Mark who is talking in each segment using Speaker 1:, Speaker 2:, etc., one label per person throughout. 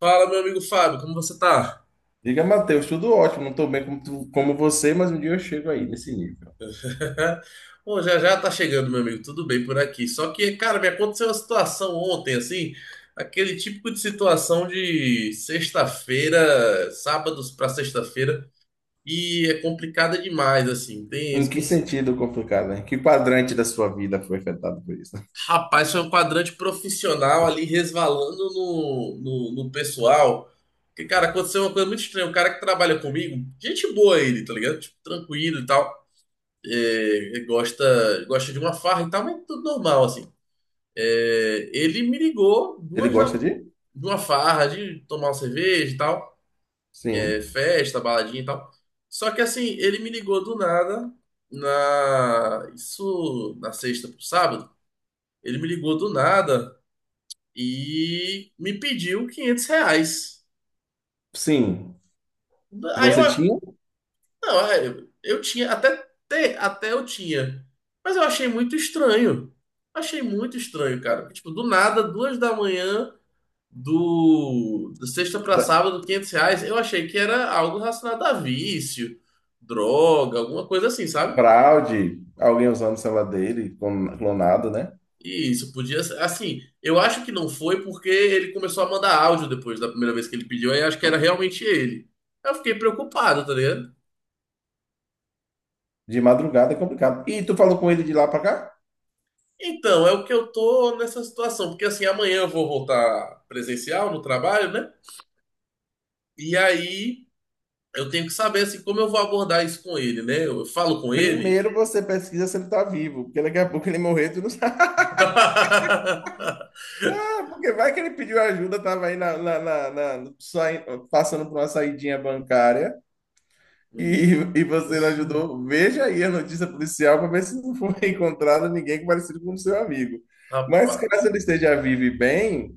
Speaker 1: Fala, meu amigo Fábio, como você tá?
Speaker 2: Diga, Matheus, tudo ótimo, não estou bem como, como você, mas um dia eu chego aí, nesse nível.
Speaker 1: Bom, já já tá chegando, meu amigo, tudo bem por aqui. Só que, cara, me aconteceu uma situação ontem, assim, aquele típico de situação de sexta-feira, sábados pra sexta-feira, e é complicada demais, assim. Tem
Speaker 2: Em
Speaker 1: esse...
Speaker 2: que sentido complicado, né? Que quadrante da sua vida foi afetado por isso?
Speaker 1: Rapaz, foi um quadrante profissional ali resvalando no pessoal. Que, cara, aconteceu uma coisa muito estranha. O cara que trabalha comigo, gente boa ele, tá ligado? Tipo, tranquilo e tal. É, gosta de uma farra e tal, mas tudo normal, assim. É, ele me ligou
Speaker 2: Ele
Speaker 1: duas da,
Speaker 2: gosta de?
Speaker 1: de uma farra, de tomar uma cerveja e tal, é,
Speaker 2: Sim.
Speaker 1: festa, baladinha e tal. Só que assim, ele me ligou do nada, isso na sexta pro sábado, ele me ligou do nada e me pediu 500 reais.
Speaker 2: Sim. E
Speaker 1: Aí eu
Speaker 2: você tinha
Speaker 1: Não, é, eu tinha, até, até eu tinha. Mas eu achei muito estranho. Achei muito estranho, cara. Tipo, do nada, duas da manhã, do sexta pra
Speaker 2: Da-
Speaker 1: sábado, 500 reais. Eu achei que era algo relacionado a vício, droga, alguma coisa assim, sabe?
Speaker 2: fraude, alguém usando o celular dele, clonado, né?
Speaker 1: E isso podia ser. Assim, eu acho que não foi porque ele começou a mandar áudio depois da primeira vez que ele pediu. Aí eu acho que era realmente ele. Aí eu fiquei preocupado, tá ligado?
Speaker 2: De madrugada é complicado. E tu falou com ele de lá pra cá?
Speaker 1: Então, é o que eu tô nessa situação, porque assim, amanhã eu vou voltar presencial no trabalho, né? E aí eu tenho que saber assim como eu vou abordar isso com ele, né? Eu falo com ele.
Speaker 2: Primeiro você pesquisa se ele tá vivo, porque daqui a pouco ele morrer, tu não sabe. Porque vai que ele pediu ajuda, tava aí passando por uma saidinha bancária.
Speaker 1: Hum,
Speaker 2: E você não ajudou? Veja aí a notícia policial para ver se não foi encontrado ninguém parecido com o seu amigo. Mas
Speaker 1: rapaz,
Speaker 2: caso ele esteja vivo e bem,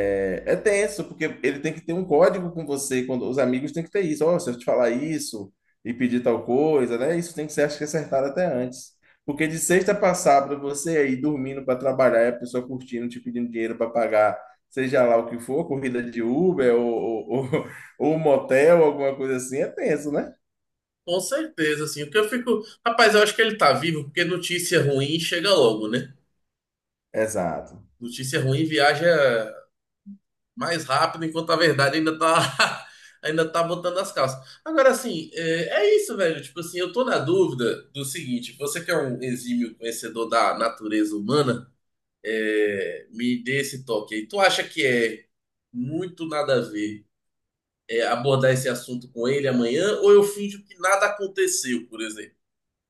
Speaker 2: é, é tenso, porque ele tem que ter um código com você, quando os amigos têm que ter isso. Ó, se eu te falar isso e pedir tal coisa, né? Isso tem que ser, acho que, acertado até antes. Porque de sexta para sábado, você aí dormindo para trabalhar, e a pessoa curtindo, te pedindo dinheiro para pagar, seja lá o que for, corrida de Uber ou ou motel, alguma coisa assim, é tenso, né?
Speaker 1: com certeza, assim, porque eu fico, rapaz, eu acho que ele tá vivo, porque notícia ruim chega logo, né?
Speaker 2: Exato.
Speaker 1: Notícia ruim viaja mais rápido, enquanto a verdade ainda tá, ainda tá botando as calças. Agora, assim, é isso, velho. Tipo assim, eu tô na dúvida do seguinte: você que é um exímio conhecedor da natureza humana, é, me dê esse toque aí. Tu acha que é muito nada a ver é, abordar esse assunto com ele amanhã, ou eu finjo que nada aconteceu, por exemplo?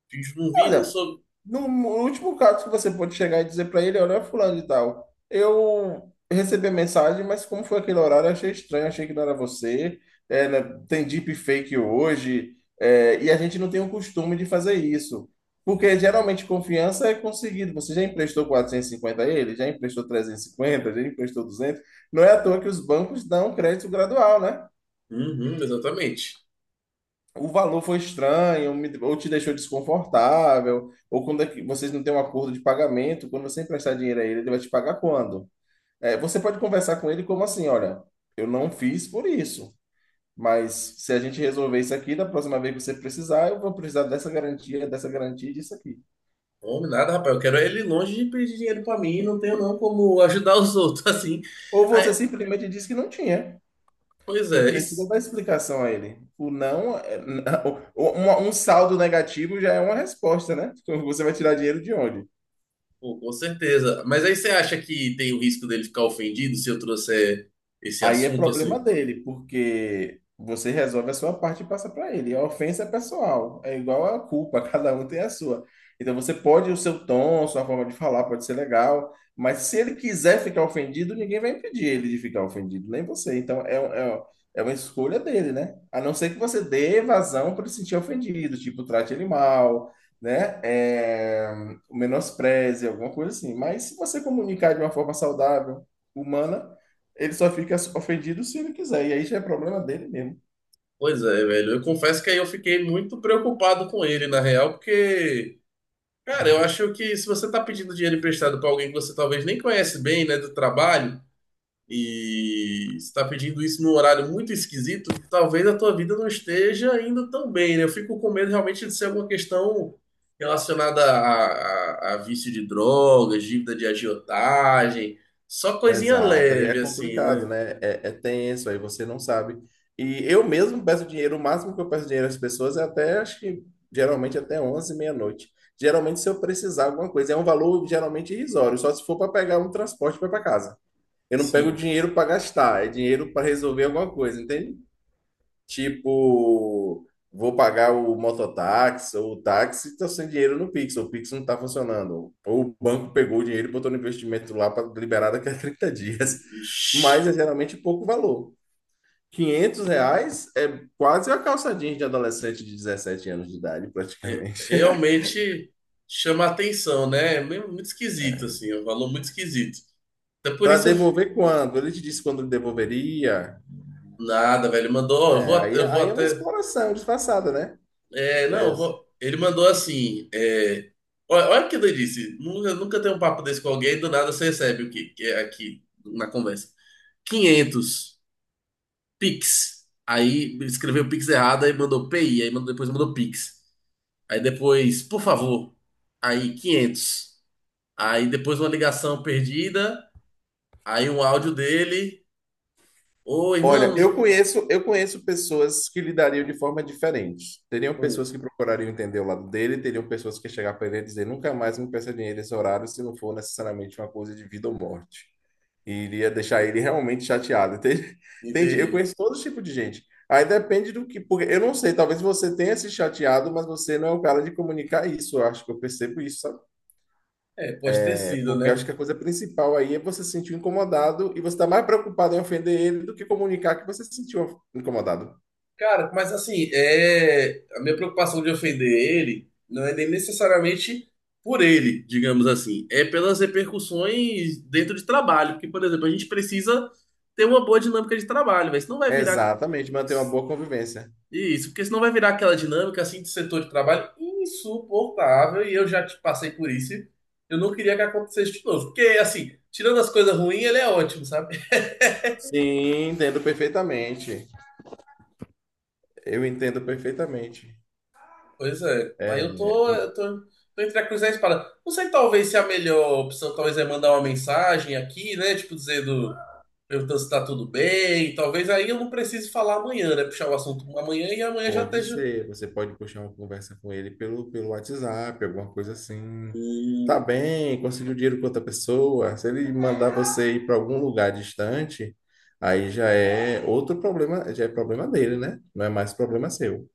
Speaker 1: Finjo não vi, não
Speaker 2: Olha,
Speaker 1: soube.
Speaker 2: no último caso que você pode chegar e dizer para ele, olha, fulano e tal, eu recebi a mensagem, mas como foi aquele horário, eu achei estranho, achei que não era você. É, né, tem deepfake hoje, é, e a gente não tem o costume de fazer isso. Porque geralmente confiança é conseguido. Você já emprestou 450 a ele? Já emprestou 350, já emprestou 200. Não é à toa que os bancos dão crédito gradual, né?
Speaker 1: Uhum, exatamente.
Speaker 2: O valor foi estranho, ou te deixou desconfortável, ou quando é que vocês não têm um acordo de pagamento, quando você emprestar dinheiro a ele, ele vai te pagar quando? É, você pode conversar com ele como assim, olha, eu não fiz por isso, mas se a gente resolver isso aqui, da próxima vez que você precisar, eu vou precisar dessa garantia e disso aqui.
Speaker 1: Homem, nada, rapaz. Eu quero é ele longe de pedir dinheiro pra mim, não tenho não como ajudar os outros, assim.
Speaker 2: Ou você
Speaker 1: Aí,
Speaker 2: simplesmente diz que não tinha.
Speaker 1: pois
Speaker 2: Não
Speaker 1: é,
Speaker 2: precisa
Speaker 1: isso.
Speaker 2: dar explicação a ele. O não, um saldo negativo já é uma resposta, né? Então, você vai tirar dinheiro de onde?
Speaker 1: Pô, com certeza. Mas aí você acha que tem o risco dele ficar ofendido se eu trouxer esse
Speaker 2: Aí é
Speaker 1: assunto
Speaker 2: problema
Speaker 1: assim?
Speaker 2: dele, porque você resolve a sua parte e passa para ele. A ofensa é pessoal, é igual a culpa, cada um tem a sua. Então você pode, o seu tom, sua forma de falar pode ser legal, mas se ele quiser ficar ofendido, ninguém vai impedir ele de ficar ofendido, nem você. Então é uma escolha dele, né? A não ser que você dê vazão para ele se sentir ofendido, tipo, trate ele mal, né? É, menospreze, alguma coisa assim. Mas se você comunicar de uma forma saudável, humana. Ele só fica ofendido se ele quiser, e aí já é problema dele mesmo.
Speaker 1: Pois é, velho. Eu confesso que aí eu fiquei muito preocupado com ele, na real, porque, cara, eu acho que se você tá pedindo dinheiro emprestado pra alguém que você talvez nem conhece bem, né, do trabalho. E se está pedindo isso num horário muito esquisito, talvez a tua vida não esteja indo tão bem, né? Eu fico com medo realmente de ser alguma questão relacionada a vício de drogas, dívida de agiotagem, só coisinha
Speaker 2: Exato, aí é
Speaker 1: leve, assim,
Speaker 2: complicado,
Speaker 1: né?
Speaker 2: né? É, é tenso, aí você não sabe. E eu mesmo peço dinheiro, o máximo que eu peço dinheiro às pessoas é até, acho que geralmente até 11 meia-noite. Geralmente, se eu precisar alguma coisa, é um valor geralmente irrisório, só se for para pegar um transporte para ir para casa. Eu não pego
Speaker 1: Sim,
Speaker 2: dinheiro para gastar, é dinheiro para resolver alguma coisa, entende? Tipo, vou pagar o mototáxi ou o táxi, estou sem dinheiro no Pix, o Pix não está funcionando. Ou o banco pegou o dinheiro e botou no investimento lá para liberar daqui a 30 dias. Mas
Speaker 1: ixi,
Speaker 2: é geralmente pouco valor. R$ 500 é quase a calça jeans de adolescente de 17 anos de idade, praticamente.
Speaker 1: realmente chama atenção, né? É muito esquisito, assim, é um valor muito esquisito. Até por
Speaker 2: Para
Speaker 1: isso eu...
Speaker 2: devolver quando? Ele te disse quando ele devolveria.
Speaker 1: Nada, velho, mandou, ó, eu vou,
Speaker 2: É, aí,
Speaker 1: eu vou
Speaker 2: aí é uma
Speaker 1: até...
Speaker 2: exploração disfarçada, né?
Speaker 1: É, não,
Speaker 2: É,
Speaker 1: ele mandou assim. É, olha o que ele disse. Nunca, nunca tem um papo desse com alguém, do nada você recebe o que, que é aqui na conversa. Quinhentos Pix. Aí escreveu Pix errado, aí mandou PI, aí mandou, depois mandou Pix. Aí depois, por favor. Aí 500. Aí depois uma ligação perdida, aí um áudio dele. Ô,
Speaker 2: olha,
Speaker 1: irmãos.
Speaker 2: eu conheço pessoas que lidariam de forma diferente. Teriam
Speaker 1: Hum,
Speaker 2: pessoas que procurariam entender o lado dele, teriam pessoas que chegar para ele e dizer nunca mais me peça dinheiro nesse horário se não for necessariamente uma coisa de vida ou morte. E iria deixar ele realmente chateado. Entende? Entende? Eu
Speaker 1: entendi.
Speaker 2: conheço todo tipo de gente. Aí depende do que, porque eu não sei, talvez você tenha se chateado, mas você não é o cara de comunicar isso. Eu acho que eu percebo isso, sabe?
Speaker 1: É, pode ter sido,
Speaker 2: Porque eu acho
Speaker 1: né?
Speaker 2: que a coisa principal aí é você se sentir incomodado e você está mais preocupado em ofender ele do que comunicar que você se sentiu incomodado.
Speaker 1: Cara, mas assim, é... A minha preocupação de ofender ele não é nem necessariamente por ele, digamos assim, é pelas repercussões dentro de trabalho. Porque, por exemplo, a gente precisa ter uma boa dinâmica de trabalho, mas não vai virar
Speaker 2: Exatamente, manter uma boa convivência.
Speaker 1: isso, porque senão vai virar aquela dinâmica assim de setor de trabalho insuportável e eu já te passei por isso. E eu não queria que acontecesse de novo, porque assim, tirando as coisas ruins, ele é ótimo, sabe?
Speaker 2: Sim, entendo perfeitamente. Eu entendo perfeitamente.
Speaker 1: Pois é. Aí
Speaker 2: É,
Speaker 1: tô entre a cruz e a espada. Não sei, talvez, se é a melhor opção talvez é mandar uma mensagem aqui, né? Tipo, dizendo, perguntando se tá tudo bem. Talvez aí eu não precise falar amanhã, né? Puxar o assunto amanhã e amanhã já
Speaker 2: pode
Speaker 1: esteja.
Speaker 2: ser, você pode puxar uma conversa com ele pelo, pelo WhatsApp, alguma coisa assim. Tá bem, conseguiu dinheiro com outra pessoa. Se ele mandar você ir para algum lugar distante, aí já é outro problema, já é problema dele, né? Não é mais problema seu.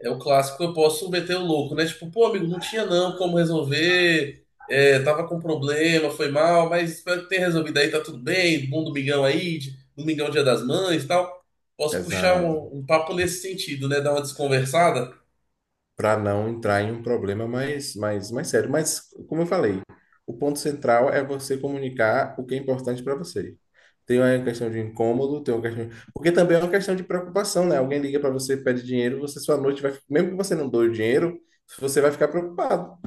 Speaker 1: É o clássico, eu posso meter o louco, né? Tipo, pô, amigo, não tinha não como resolver, é, tava com problema, foi mal, mas espero que tenha resolvido aí, tá tudo bem, bom domingão aí, domingão Dia das Mães e tal. Posso puxar
Speaker 2: Exato.
Speaker 1: um papo nesse sentido, né? Dar uma desconversada?
Speaker 2: Para não entrar em um problema mais sério. Mas, como eu falei, o ponto central é você comunicar o que é importante para você. Tem uma questão de incômodo, tem uma questão. Porque também é uma questão de preocupação, né? Alguém liga para você, pede dinheiro, você sua noite vai. Mesmo que você não doe o dinheiro, você vai ficar preocupado,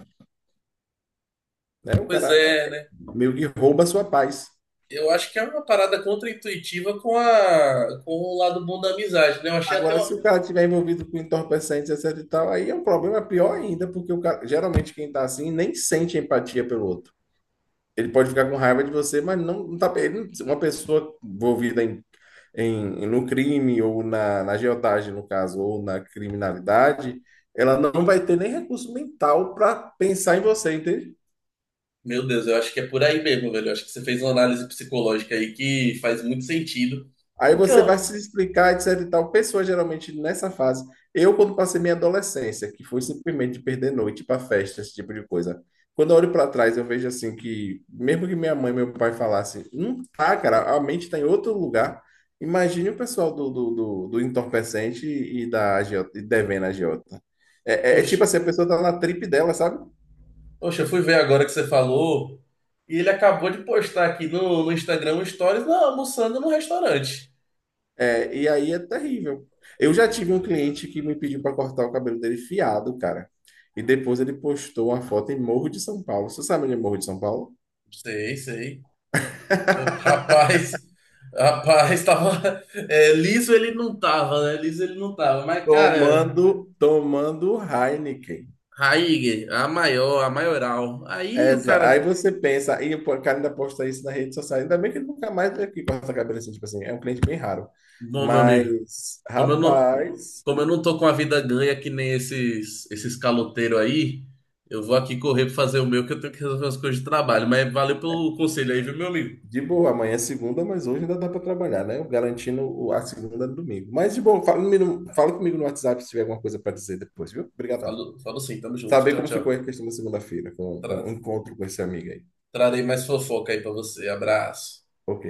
Speaker 2: né? O
Speaker 1: Pois
Speaker 2: cara
Speaker 1: é, né?
Speaker 2: meio que rouba a sua paz.
Speaker 1: Eu acho que é uma parada contraintuitiva com com o lado bom da amizade, né? Eu achei até
Speaker 2: Agora, se
Speaker 1: uma...
Speaker 2: o cara tiver envolvido com entorpecentes, etc e tal, aí é um problema pior ainda, porque o cara, geralmente quem tá assim nem sente empatia pelo outro. Ele pode ficar com raiva de você, mas não, uma pessoa envolvida no crime ou na, na agiotagem, no caso, ou na criminalidade, ela não vai ter nem recurso mental para pensar em você, entende?
Speaker 1: Meu Deus, eu acho que é por aí mesmo, velho. Eu acho que você fez uma análise psicológica aí que faz muito sentido.
Speaker 2: Aí
Speaker 1: Porque,
Speaker 2: você vai
Speaker 1: ó,
Speaker 2: se explicar, etc e tal. Pessoas geralmente nessa fase. Eu, quando passei minha adolescência, que foi simplesmente perder noite para festa, esse tipo de coisa. Quando eu olho para trás, eu vejo assim que, mesmo que minha mãe e meu pai falassem, não tá, cara, a mente está em outro lugar. Imagine o pessoal do entorpecente e da agiota, e devendo a agiota. É tipo
Speaker 1: poxa.
Speaker 2: assim, a pessoa tá na trip dela, sabe?
Speaker 1: Poxa, eu fui ver agora que você falou e ele acabou de postar aqui no Instagram um stories, não, almoçando no restaurante.
Speaker 2: É, e aí é terrível. Eu já tive um cliente que me pediu para cortar o cabelo dele fiado, cara. E depois ele postou uma foto em Morro de São Paulo. Você sabe onde é Morro de São Paulo?
Speaker 1: Sei, sei. Rapaz, rapaz, tava. É, liso ele não tava, né? Liso ele não tava. Mas, cara,
Speaker 2: Tomando Heineken.
Speaker 1: Raíger, a maior, a maioral. Aí o
Speaker 2: Exa.
Speaker 1: cara.
Speaker 2: Aí você pensa, e o cara ainda posta isso na rede social. Ainda bem que ele nunca mais veio aqui cortar cabelo assim, tipo assim, é um cliente bem raro.
Speaker 1: Bom, meu amigo,
Speaker 2: Mas,
Speaker 1: como eu não,
Speaker 2: rapaz,
Speaker 1: como eu não tô com a vida ganha que nem esses, caloteiros aí, eu vou aqui correr pra fazer o meu, que eu tenho que resolver as coisas de trabalho. Mas valeu pelo conselho aí, viu, meu amigo?
Speaker 2: de boa, amanhã é segunda, mas hoje ainda dá para trabalhar, né? Eu garantindo a segunda no domingo. Mas de boa, fala comigo no WhatsApp se tiver alguma coisa para dizer depois, viu? Obrigadão.
Speaker 1: Falo, falo sim, tamo junto.
Speaker 2: Saber
Speaker 1: Tchau,
Speaker 2: como
Speaker 1: tchau.
Speaker 2: ficou a questão da segunda-feira, com
Speaker 1: Tra-
Speaker 2: o encontro com esse amigo aí.
Speaker 1: Trarei mais fofoca aí pra você. Abraço.
Speaker 2: Ok.